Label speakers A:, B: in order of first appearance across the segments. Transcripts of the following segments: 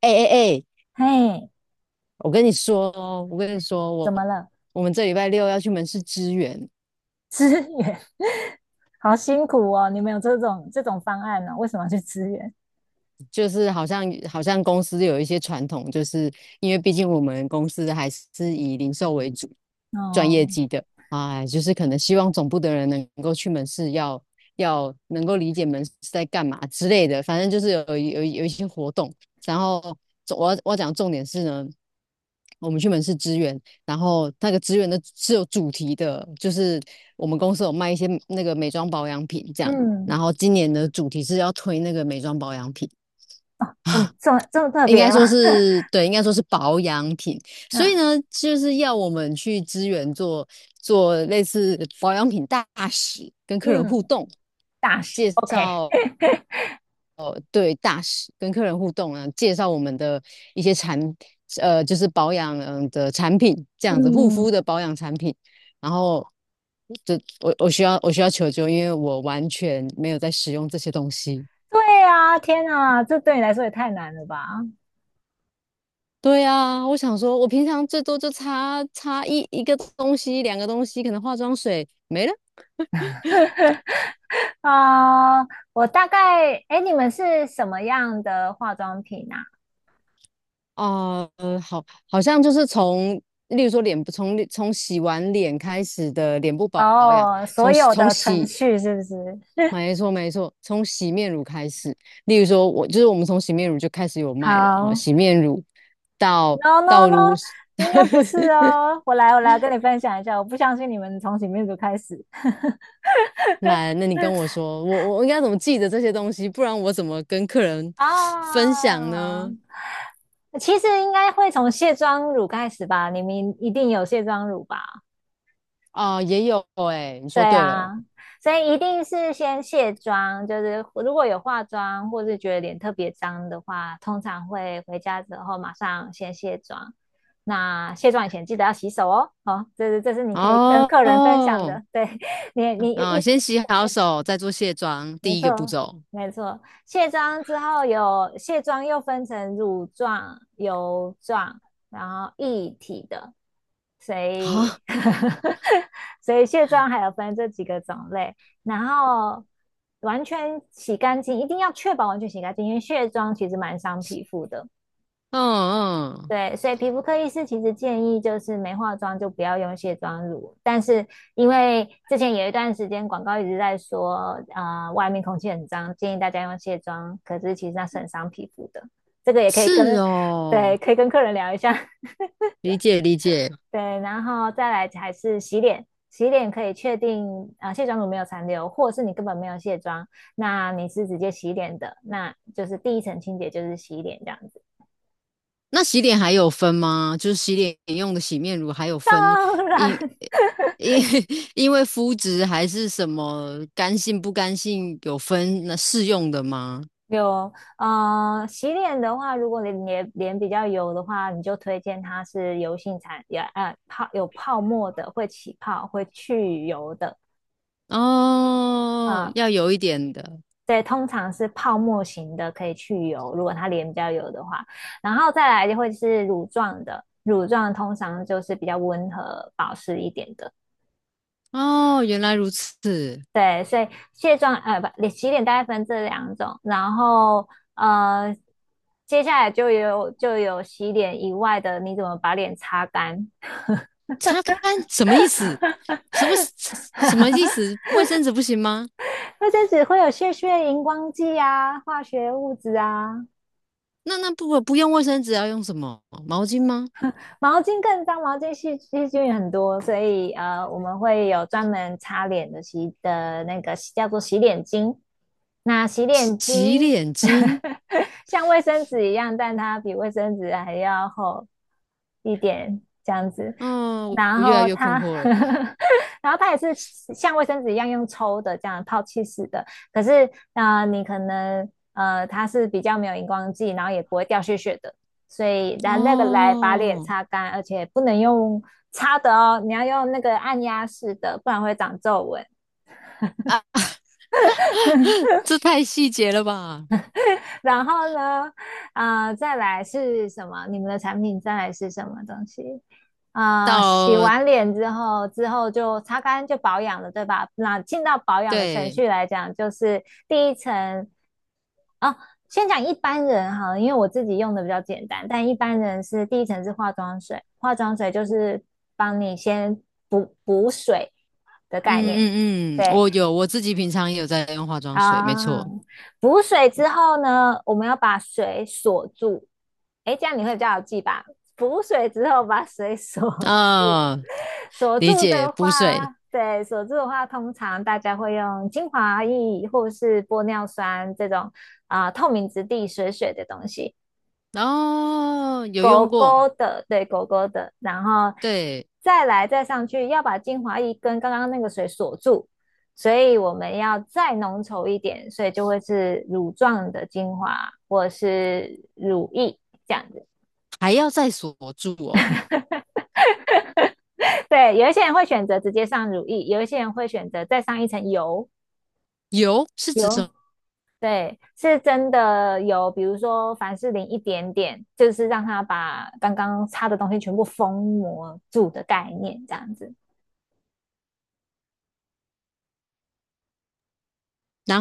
A: 哎哎哎，
B: 嘿，
A: 我跟你说哦，我跟你说，
B: 怎
A: 我
B: 么了？
A: 我们这礼拜六要去门市支援，
B: 支援，好辛苦哦！你们有这种方案呢、为什么要去支援？
A: 就是好像公司有一些传统，就是因为毕竟我们公司还是以零售为主，赚
B: 哦，
A: 业绩的啊，就是可能希望总部的人能够去门市要能够理解门市在干嘛之类的，反正就是有一些活动，然后我要讲重点是呢。我们去门市支援，然后那个支援的是有主题的，就是我们公司有卖一些那个美妆保养品这样，
B: 嗯，
A: 然后今年的主题是要推那个美妆保养品。
B: 这么 这么这么特
A: 应
B: 别
A: 该说
B: 啊？
A: 是对，应该说是保养品。所以
B: 那
A: 呢，就是要我们去支援做做类似保养品大使，跟客人互
B: 嗯，
A: 动，
B: 大学
A: 介
B: OK，
A: 绍 对大使跟客人互动啊，介绍我们的一些产就是保养的产品，这样子护肤
B: 嗯，
A: 的保养产品。然后就我需要求救，因为我完全没有在使用这些东西。
B: 对啊，天啊，这对你来说也太难了吧？
A: 对啊，我想说，我平常最多就擦擦一个东西、两个东西，可能化妆水没了
B: 啊、我大概，哎，你们是什么样的化妆品啊？
A: 啊、好，好像就是从，例如说脸部，从洗完脸开始的脸部保养，
B: 哦，所
A: 从
B: 有
A: 从
B: 的程
A: 洗，
B: 序是不是？
A: 没错没错，从洗面乳开始。例如说我，就是我们从洗面乳就开始有卖了啊，
B: 好，
A: 洗面乳到
B: No no
A: 到如，
B: no，应该不是 哦。我来跟你分享一下。我不相信你们从洗面乳开始
A: 来，那你跟我说，我应该怎么记得这些东西，不然我怎么跟客人分享
B: 啊。
A: 呢？
B: 其实应该会从卸妆乳开始吧？你们一定有卸妆乳吧？
A: 哦，也有哎、你
B: 对
A: 说对了。
B: 啊，所以一定是先卸妆。就是如果有化妆，或是觉得脸特别脏的话，通常会回家之后马上先卸妆。那卸妆以前记得要洗手哦。好哦，这是你可以跟
A: 哦
B: 客人分享
A: 哦，
B: 的。对。 你，你
A: 嗯，
B: 一
A: 先洗好手，再做卸妆，
B: 没
A: 第一个步
B: 错，
A: 骤
B: 没错。卸妆之后有卸妆又分成乳状、油状，然后液体的，所
A: 啊。
B: 以 所以卸妆还有分这几个种类。然后完全洗干净，一定要确保完全洗干净，因为卸妆其实蛮伤皮肤的。
A: 嗯嗯，
B: 对，所以皮肤科医师其实建议就是没化妆就不要用卸妆乳，但是因为之前有一段时间广告一直在说，啊，外面空气很脏，建议大家用卸妆，可是其实那是很伤皮肤的，这个也可以
A: 是
B: 跟，
A: 哦，
B: 对，可以跟客人聊一下。
A: 理解理解。
B: 对，然后再来还是洗脸，洗脸可以确定啊、卸妆乳没有残留，或是你根本没有卸妆，那你是直接洗脸的，那就是第一层清洁就是洗脸这样子。
A: 那洗脸还有分吗？就是洗脸用的洗面乳还有分，
B: 当
A: 因
B: 然。
A: 因 因为肤质还是什么干性不干性有分那适用的吗？
B: 有，洗脸的话，如果你脸比较油的话，你就推荐它是油性产，也有泡沫的，会起泡，会去油的。
A: 哦，
B: 啊、
A: 要有一点的。
B: 对，通常是泡沫型的可以去油，如果它脸比较油的话。然后再来就会是乳状的，乳状通常就是比较温和保湿一点的。
A: 哦，原来如此。
B: 对，所以卸妆呃不，洗脸大概分这两种，然后呃，接下来就有洗脸以外的，你怎么把脸擦干？
A: 擦干什么意思？什么什么意思？卫生纸不行吗？
B: 卫生只会有屑屑、荧光剂啊、化学物质啊。
A: 那那不用卫生纸，要用什么？毛巾吗？
B: 毛巾更脏，毛巾细菌很多，所以我们会有专门擦脸的洗的那个叫做洗脸巾。那洗脸
A: 洗
B: 巾
A: 脸巾？
B: 像卫生纸一样，但它比卫生纸还要厚一点，这样子。
A: 哦，我
B: 然
A: 我越来
B: 后
A: 越困
B: 它，
A: 惑了。
B: 然后它也是像卫生纸一样用抽的，这样泡气式的。可是，你可能它是比较没有荧光剂，然后也不会掉屑屑的。所以拿那个来把脸
A: 哦，
B: 擦干，而且不能用擦的哦，你要用那个按压式的，不然会长皱纹。
A: 啊，这太细节了吧？
B: 然后呢，啊，再来是什么？你们的产品再来是什么东西？啊、洗
A: 到，
B: 完脸之后，之后就擦干就保养了，对吧？那进到保养的程
A: 对。
B: 序来讲，就是第一层。哦，先讲一般人哈，因为我自己用的比较简单，但一般人是第一层是化妆水，化妆水就是帮你先补水的概念。
A: 嗯嗯嗯，
B: 对，
A: 我有，我自己平常也有在用化妆水，没错。
B: 啊，补水之后呢，我们要把水锁住。诶，这样你会比较好记吧？补水之后把水 锁住，
A: 啊、
B: 锁
A: 理
B: 住
A: 解，
B: 的
A: 补水。
B: 话，对，锁住的话，通常大家会用精华液或是玻尿酸这种啊、透明质地水水的东西。
A: 哦，有
B: 狗
A: 用过。
B: 狗的，对，狗狗的，然后
A: 对，
B: 再来再上去，要把精华液跟刚刚那个水锁住，所以我们要再浓稠一点，所以就会是乳状的精华或者是乳液这样子。
A: 还要再锁住哦。
B: 对，有一些人会选择直接上乳液，有一些人会选择再上一层油
A: 油是指
B: 油。
A: 什。
B: 对，是真的有，比如说凡士林一点点，就是让它把刚刚擦的东西全部封膜住的概念，这样子。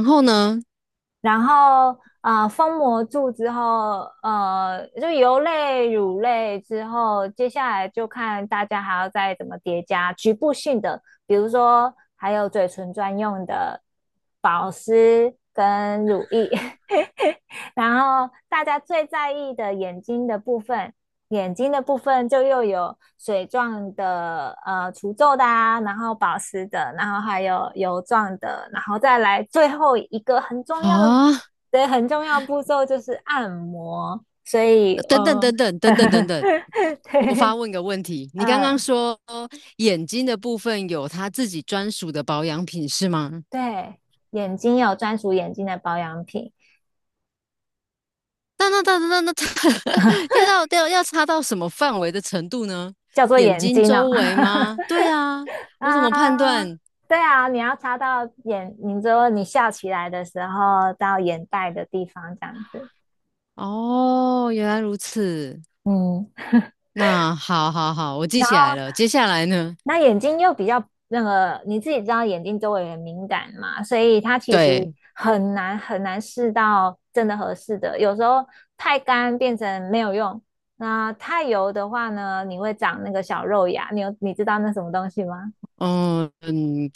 A: 然后呢，
B: 然后封膜住之后，就油类、乳类之后，接下来就看大家还要再怎么叠加局部性的，比如说还有嘴唇专用的保湿跟乳液，然后大家最在意的眼睛的部分，眼睛的部分就又有水状的、除皱的啊，然后保湿的，然后还有油状的，然后再来最后一个很重要的、
A: 啊，
B: 对，很重要步骤就是按摩。所以，
A: 等等等等等等等 等，我发
B: 对，
A: 问个问题。你刚刚
B: 嗯，
A: 说眼睛的部分有它自己专属的保养品是吗？
B: 对，眼睛有专属眼睛的保养品，
A: 那 要到要擦到什么范围的程度呢？
B: 叫做
A: 眼
B: 眼
A: 睛
B: 睛哦。
A: 周围吗？对呀，我怎么判
B: 啊，
A: 断？
B: 对啊，你要擦到眼，你说你笑起来的时候到眼袋的地方这样子。
A: 哦，原来如此。
B: 嗯，
A: 那好好好，我记
B: 然
A: 起来
B: 后
A: 了。接下来呢？
B: 那眼睛又比较那个，你自己知道眼睛周围很敏感嘛，所以它其实
A: 对。
B: 很难很难试到真的合适的，有时候太干变成没有用，那太油的话呢，你会长那个小肉芽，你知道那什么东西吗？
A: 嗯嗯，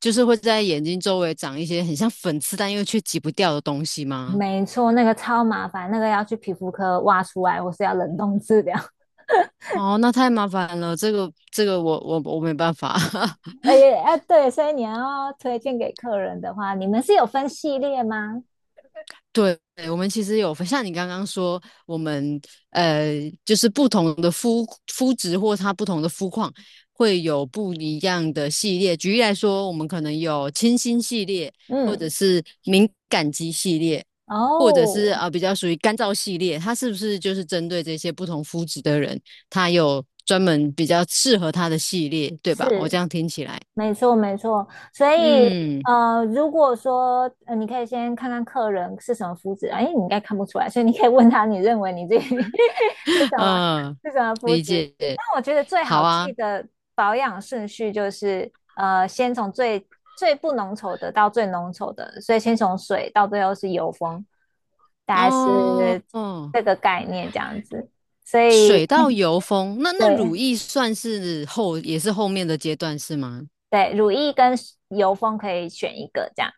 A: 就是会在眼睛周围长一些很像粉刺，但又却挤不掉的东西吗？
B: 没错，那个超麻烦，那个要去皮肤科挖出来，或是要冷冻治疗。
A: 哦，那太麻烦了，这个这个我没办法。
B: 哎哎，哎对，所以你要推荐给客人的话，你们是有分系列吗？
A: 对，我们其实有分像你刚刚说，我们呃，就是不同的肤质或它不同的肤况，会有不一样的系列。举例来说，我们可能有清新系列，或者
B: 嗯，
A: 是敏感肌系列，或者是
B: 哦，
A: 啊、呃、比较属于干燥系列。它是不是就是针对这些不同肤质的人，它有专门比较适合它的系列，对吧？我这
B: 是。
A: 样听起来，
B: 没错，没错。所以，
A: 嗯。
B: 如果说，你可以先看看客人是什么肤质啊，因为你应该看不出来，所以你可以问他，你认为你自己 是 什么
A: 呃，
B: 是什么肤
A: 理
B: 质？
A: 解，
B: 但我觉得最
A: 好
B: 好
A: 啊。
B: 记的保养顺序就是，先从最不浓稠的到最浓稠的，所以先从水到最后是油封，大概
A: 哦
B: 是
A: 哦，
B: 这个概念这样子。所以，
A: 水到油封，那那乳
B: 对，
A: 液算是后，也是后面的阶段是吗？
B: 对，乳液跟油封可以选一个这样。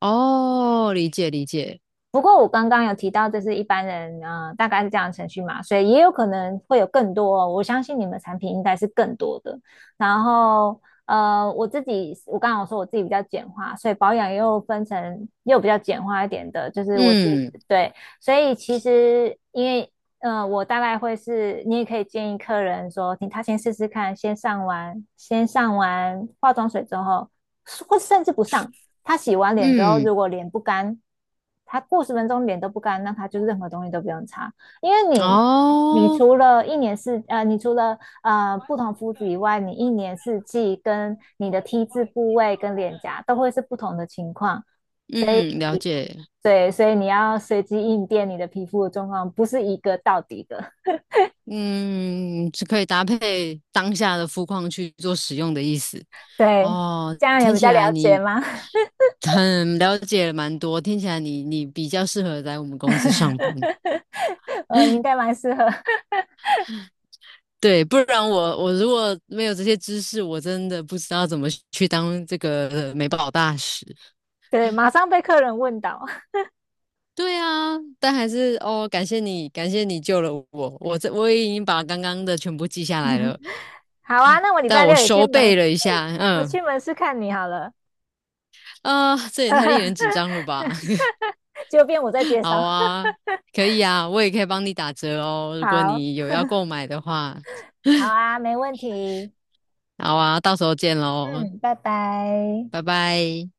A: 哦，理解理解。
B: 不过我刚刚有提到，这是一般人，大概是这样的程序嘛，所以也有可能会有更多哦。我相信你们产品应该是更多的。然后，我自己，我刚刚有说我自己比较简化，所以保养又分成又比较简化一点的，就是我自己
A: 嗯
B: 对。所以其实因为，我大概会是，你也可以建议客人说，他先试试看，先上完化妆水之后，或甚至不上。他洗完脸之后，
A: 嗯，
B: 如果脸不干，他过10分钟脸都不干，那他就任何东西都不用擦，因为你
A: 哦，
B: 除了一年四呃，你除了不同肤质以外，你一年四季跟你的 T 字部位跟脸颊都会是不同的情况。所以
A: 嗯，了解。
B: 对，所以你要随机应变你的皮肤的状况，不是一个到底的。
A: 嗯，是可以搭配当下的肤况去做使用的意思。
B: 对，
A: 哦，
B: 这样有
A: 听
B: 比
A: 起
B: 较
A: 来
B: 了解
A: 你
B: 吗？
A: 很了解蛮多，听起来你你比较适合在我们公司上班。
B: 你应该蛮适合。
A: 对，不然我如果没有这些知识，我真的不知道怎么去当这个美宝大使。
B: 对，马上被客人问倒。
A: 对啊，但还是哦，感谢你，感谢你救了我。我也已经把刚刚的全部记下来了，
B: 好啊，那我礼
A: 但
B: 拜
A: 我
B: 六也去
A: 收背
B: 门，
A: 了一下。
B: 我
A: 嗯
B: 去门市看你好了，
A: 啊、这也太令人紧张了吧？
B: 就变我在 介绍。
A: 好啊，可以啊，我也可以帮你打折哦。如果
B: 好，
A: 你有要购买的话，
B: 好啊，没问题。
A: 好啊，到时候见喽，
B: 嗯，拜拜。
A: 拜拜。